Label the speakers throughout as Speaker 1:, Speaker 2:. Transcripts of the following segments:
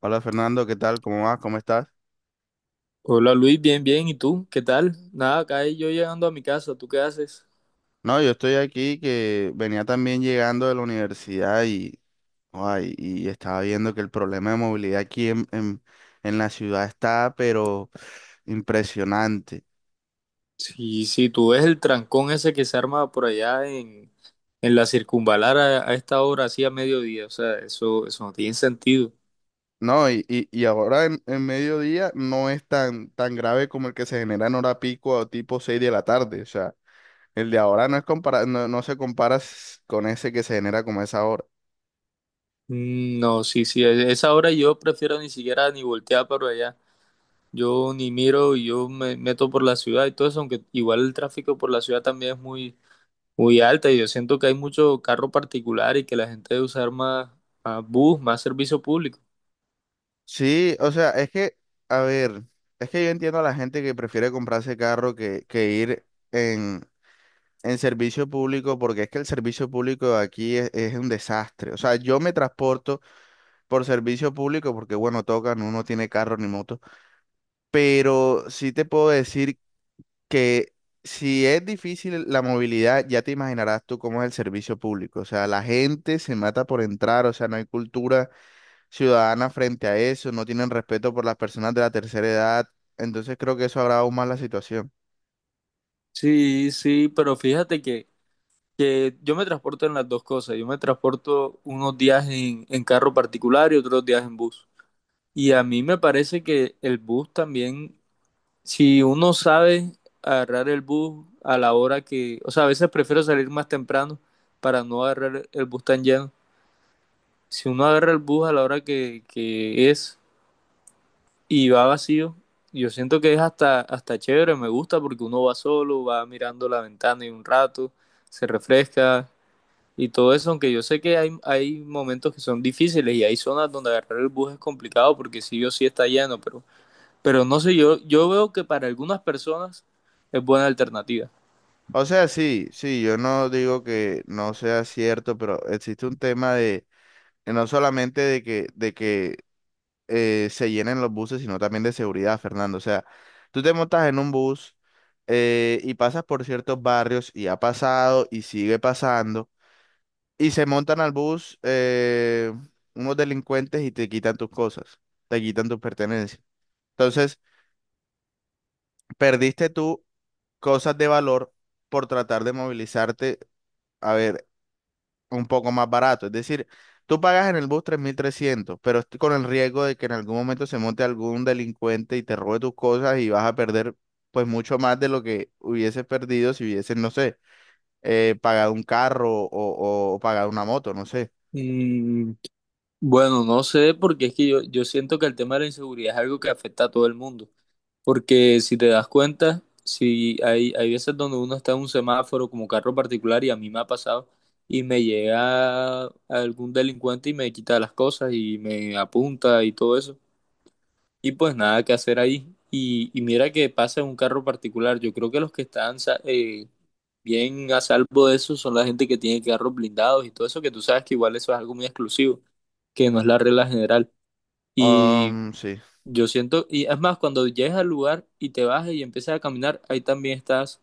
Speaker 1: Hola Fernando, ¿qué tal? ¿Cómo vas? ¿Cómo estás?
Speaker 2: Hola Luis, bien, bien. ¿Y tú? ¿Qué tal? Nada, acá yo llegando a mi casa. ¿Tú qué haces?
Speaker 1: No, yo estoy aquí que venía también llegando de la universidad y, ay, y estaba viendo que el problema de movilidad aquí en la ciudad está, pero impresionante.
Speaker 2: Sí, sí. Tú ves el trancón ese que se arma por allá en la circunvalar a esta hora, así a mediodía, o sea, eso no tiene sentido.
Speaker 1: No, y ahora en mediodía no es tan grave como el que se genera en hora pico o tipo 6 de la tarde. O sea, el de ahora no se compara con ese que se genera como a esa hora.
Speaker 2: Mm, no, sí, sí, a esa hora yo prefiero ni siquiera ni voltear para allá. Yo ni miro, yo me meto por la ciudad y todo eso, aunque igual el tráfico por la ciudad también es muy alta y yo siento que hay mucho carro particular y que la gente debe usar más bus, más servicio público.
Speaker 1: Sí, o sea, es que, a ver, es que yo entiendo a la gente que prefiere comprarse carro que ir en, en servicio público, porque es que el servicio público aquí es un desastre. O sea, yo me transporto por servicio público porque, bueno, tocan, uno tiene carro ni moto, pero sí te puedo decir que si es difícil la movilidad, ya te imaginarás tú cómo es el servicio público. O sea, la gente se mata por entrar, o sea, no hay cultura ciudadana frente a eso, no tienen respeto por las personas de la tercera edad, entonces creo que eso agrava aún más la situación.
Speaker 2: Sí, sí, pero que yo me transporto en las dos cosas. Yo me transporto unos días en carro particular y otros días en bus. Y a mí me parece que el bus también, si uno sabe agarrar el bus a la hora que, o sea, a veces prefiero salir más temprano para no agarrar el bus tan lleno. Si uno agarra el bus a la hora que es, y va vacío. Yo siento que es hasta chévere, me gusta porque uno va solo, va mirando la ventana y un rato, se refresca y todo eso, aunque yo sé que hay momentos que son difíciles y hay zonas donde agarrar el bus es complicado porque sí o sí está lleno, pero no sé, yo veo que para algunas personas es buena alternativa.
Speaker 1: O sea, sí, sí, yo no digo que no sea cierto, pero existe un tema de no solamente de que, de que se llenen los buses, sino también de seguridad, Fernando. O sea, tú te montas en un bus y pasas por ciertos barrios y ha pasado y sigue pasando, y se montan al bus unos delincuentes y te quitan tus cosas, te quitan tus pertenencias. Entonces, perdiste tú cosas de valor por tratar de movilizarte, a ver, un poco más barato. Es decir, tú pagas en el bus 3.300, pero est- con el riesgo de que en algún momento se monte algún delincuente y te robe tus cosas y vas a perder pues mucho más de lo que hubieses perdido si hubieses, no sé, pagado un carro o pagado una moto, no sé.
Speaker 2: Mm, bueno, no sé porque es que yo siento que el tema de la inseguridad es algo que afecta a todo el mundo. Porque si te das cuenta, si hay veces donde uno está en un semáforo como carro particular y a mí me ha pasado y me llega algún delincuente y me quita las cosas y me apunta y todo eso. Y pues nada que hacer ahí. Y mira que pasa en un carro particular. Yo creo que los que están bien a salvo de eso son la gente que tiene carros blindados y todo eso, que tú sabes que igual eso es algo muy exclusivo, que no es la regla general.
Speaker 1: Sí.
Speaker 2: Yo siento, y es más, cuando llegues al lugar y te bajas y empiezas a caminar, ahí también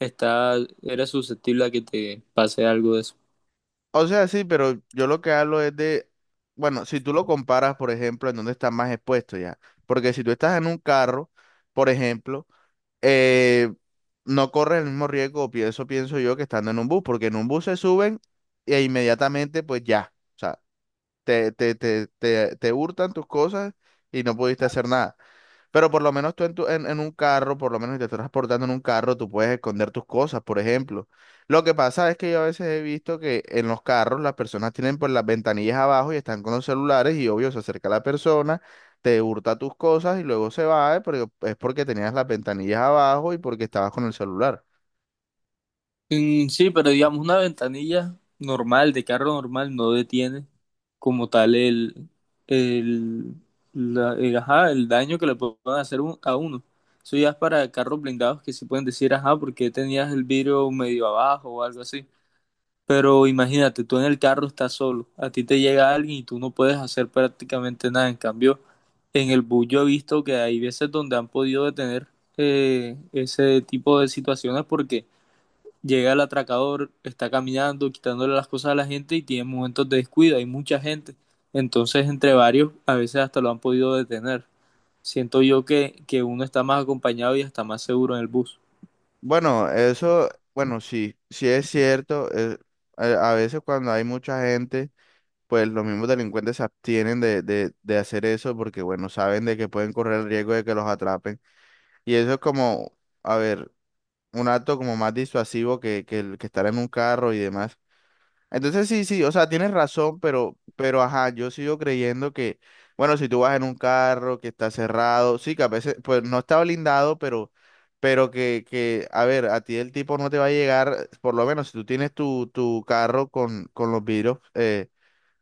Speaker 2: estás, eres susceptible a que te pase algo de eso.
Speaker 1: O sea, sí, pero yo lo que hablo es de, bueno, si tú lo comparas, por ejemplo, en dónde estás más expuesto ya. Porque si tú estás en un carro, por ejemplo, eh, no corres el mismo riesgo, o pienso, pienso yo, que estando en un bus, porque en un bus se suben e inmediatamente, pues ya, o sea, te hurtan tus cosas y no pudiste hacer nada. Pero por lo menos tú en, tu- en un carro, por lo menos si te estás transportando en un carro, tú puedes esconder tus cosas, por ejemplo. Lo que pasa es que yo a veces he visto que en los carros las personas tienen pues las ventanillas abajo y están con los celulares y obvio se acerca la persona, te hurta tus cosas y luego se va, porque es porque tenías las ventanillas abajo y porque estabas con el celular.
Speaker 2: Mm, sí, pero digamos, una ventanilla normal, de carro normal, no detiene como tal el, ajá, el daño que le pueden a uno. Eso ya es para carros blindados que sí pueden decir, ajá, porque tenías el vidrio medio abajo o algo así. Pero imagínate, tú en el carro estás solo, a ti te llega alguien y tú no puedes hacer prácticamente nada. En cambio, en el bus yo he visto que hay veces donde han podido detener ese tipo de situaciones porque llega el atracador, está caminando, quitándole las cosas a la gente y tiene momentos de descuido, hay mucha gente. Entonces, entre varios, a veces hasta lo han podido detener. Siento yo que uno está más acompañado y está más seguro en el bus.
Speaker 1: Bueno, eso, bueno, sí, sí es cierto. A veces cuando hay mucha gente pues los mismos delincuentes se abstienen de hacer eso porque, bueno, saben de que pueden correr el riesgo de que los atrapen. Y eso es como, a ver, un acto como más disuasivo que el que estar en un carro y demás. Entonces, sí, sí, o sea, tienes razón, pero, ajá, yo sigo creyendo que, bueno, si tú vas en un carro que está cerrado, sí, que a veces, pues no está blindado, pero... Pero que, a ver, a ti el tipo no te va a llegar, por lo menos si tú tienes tu carro con los vidrios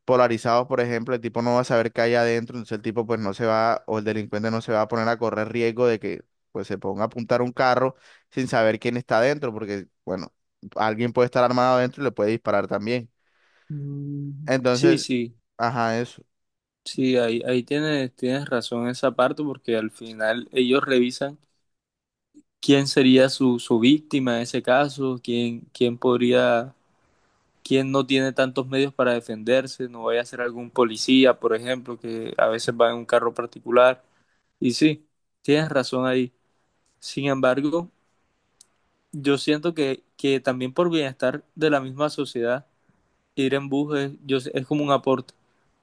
Speaker 1: polarizados, por ejemplo, el tipo no va a saber qué hay adentro, entonces el tipo pues no se va, o el delincuente no se va a poner a correr riesgo de que pues se ponga a apuntar un carro sin saber quién está adentro, porque bueno, alguien puede estar armado adentro y le puede disparar también.
Speaker 2: Mm, sí,
Speaker 1: Entonces,
Speaker 2: sí.
Speaker 1: ajá, eso.
Speaker 2: Sí, ahí tienes razón en esa parte porque al final ellos revisan quién sería su víctima en ese caso, quién podría, quién no tiene tantos medios para defenderse, no vaya a ser algún policía, por ejemplo, que a veces va en un carro particular. Y sí, tienes razón ahí. Sin embargo, yo siento que también por bienestar de la misma sociedad ir en bus es, yo sé- es como un aporte,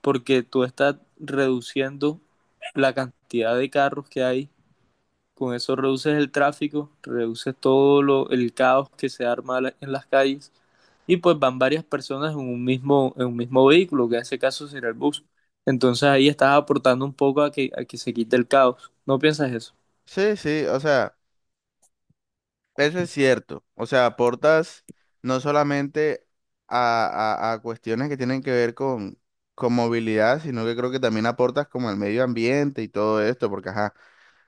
Speaker 2: porque tú estás reduciendo la cantidad de carros que hay, con eso reduces el tráfico, reduces todo el caos que se arma en las calles, y pues van varias personas en un en un mismo vehículo, que en ese caso será el bus. Entonces ahí estás aportando un poco a a que se quite el caos. ¿No piensas eso?
Speaker 1: Sí, sí, o sea, eso es cierto. O sea, aportas no solamente a cuestiones que tienen que ver con movilidad, sino que creo que también aportas como al medio ambiente y todo esto, porque ajá.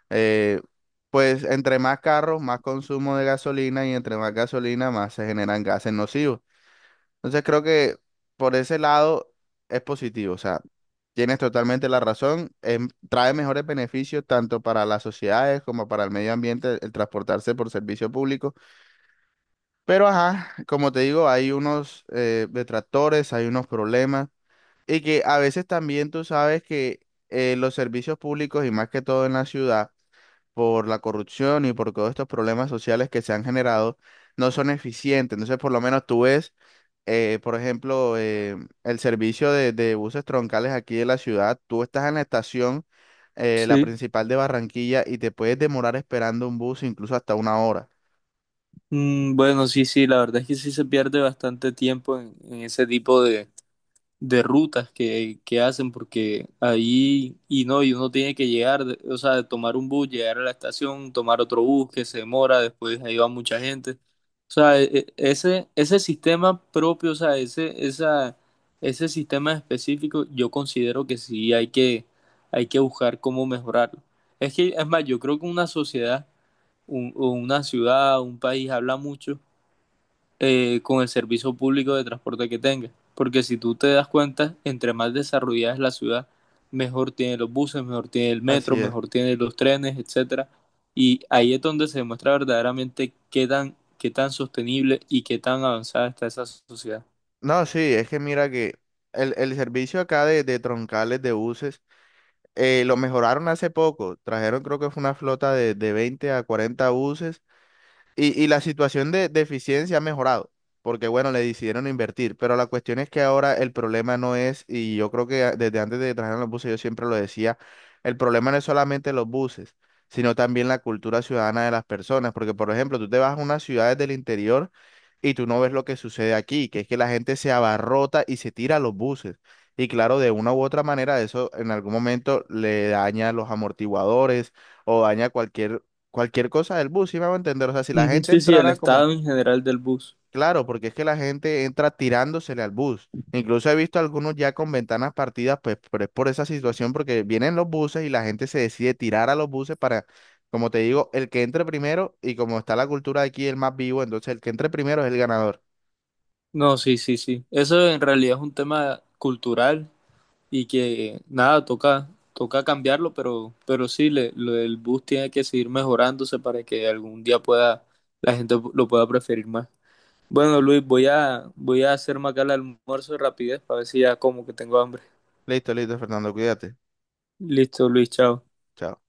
Speaker 1: Eh, pues entre más carros, más consumo de gasolina y entre más gasolina, más se generan gases nocivos. Entonces creo que por ese lado es positivo. O sea, tienes totalmente la razón. Trae mejores beneficios tanto para las sociedades como para el medio ambiente el transportarse por servicio público. Pero ajá, como te digo, hay unos detractores, hay unos problemas y que a veces también tú sabes que los servicios públicos y más que todo en la ciudad por la corrupción y por todos estos problemas sociales que se han generado, no son eficientes. Entonces, por lo menos tú ves, por ejemplo, el servicio de buses troncales aquí de la ciudad, tú estás en la estación, la
Speaker 2: Sí,
Speaker 1: principal de Barranquilla, y te puedes demorar esperando un bus incluso hasta una hora.
Speaker 2: mm, bueno, sí, sí, la verdad es que sí se pierde bastante tiempo en ese tipo de rutas que hacen, porque ahí, y no, y uno tiene que llegar, de- o sea, tomar un bus, llegar a la estación, tomar otro bus que se demora, después ahí va mucha gente. O sea, ese sistema propio, ese sistema específico, yo considero que sí hay que buscar cómo mejorarlo. Es que, es más, yo creo que una sociedad, un- o una ciudad, un país habla mucho con el servicio público de transporte que tenga. Porque si tú te das cuenta, entre más desarrollada es la ciudad, mejor tiene los buses, mejor tiene el metro,
Speaker 1: Así es.
Speaker 2: mejor tiene los trenes, etcétera. Y ahí es donde se demuestra verdaderamente qué tan sostenible y qué tan avanzada está esa sociedad.
Speaker 1: No, sí, es que mira que el servicio acá de troncales de buses lo mejoraron hace poco. Trajeron, creo que fue una flota de 20 a 40 buses. Y la situación de eficiencia ha mejorado, porque bueno, le decidieron invertir, pero la cuestión es que ahora el problema no es, y yo creo que a- desde antes de que trajeran los buses, yo siempre lo decía, el problema no es solamente los buses, sino también la cultura ciudadana de las personas, porque por ejemplo, tú te vas a unas ciudades del interior y tú no ves lo que sucede aquí, que es que la gente se abarrota y se tira a los buses. Y claro, de una u otra manera, eso en algún momento le daña los amortiguadores o daña cualquier cosa del bus, ¿sí me va a entender? O sea, si la
Speaker 2: Ujú,
Speaker 1: gente
Speaker 2: sí, sí, el
Speaker 1: entrara como,
Speaker 2: estado en general del bus.
Speaker 1: claro, porque es que la gente entra tirándosele al bus. Incluso he visto algunos ya con ventanas partidas, pues, pero es por esa situación, porque vienen los buses y la gente se decide tirar a los buses para, como te digo, el que entre primero, y como está la cultura de aquí, el más vivo, entonces el que entre primero es el ganador.
Speaker 2: No, sí, sí, sí. Eso en realidad es un tema cultural y que nada, toca, toca cambiarlo, pero sí, le, lo del bus tiene que seguir mejorándose para que algún día pueda, la gente lo pueda preferir más. Bueno, Luis, voy a hacerme acá el almuerzo de rapidez para ver si ya como que tengo hambre.
Speaker 1: Listo, listo, Fernando, cuídate.
Speaker 2: Listo, Luis, chao.
Speaker 1: Chao.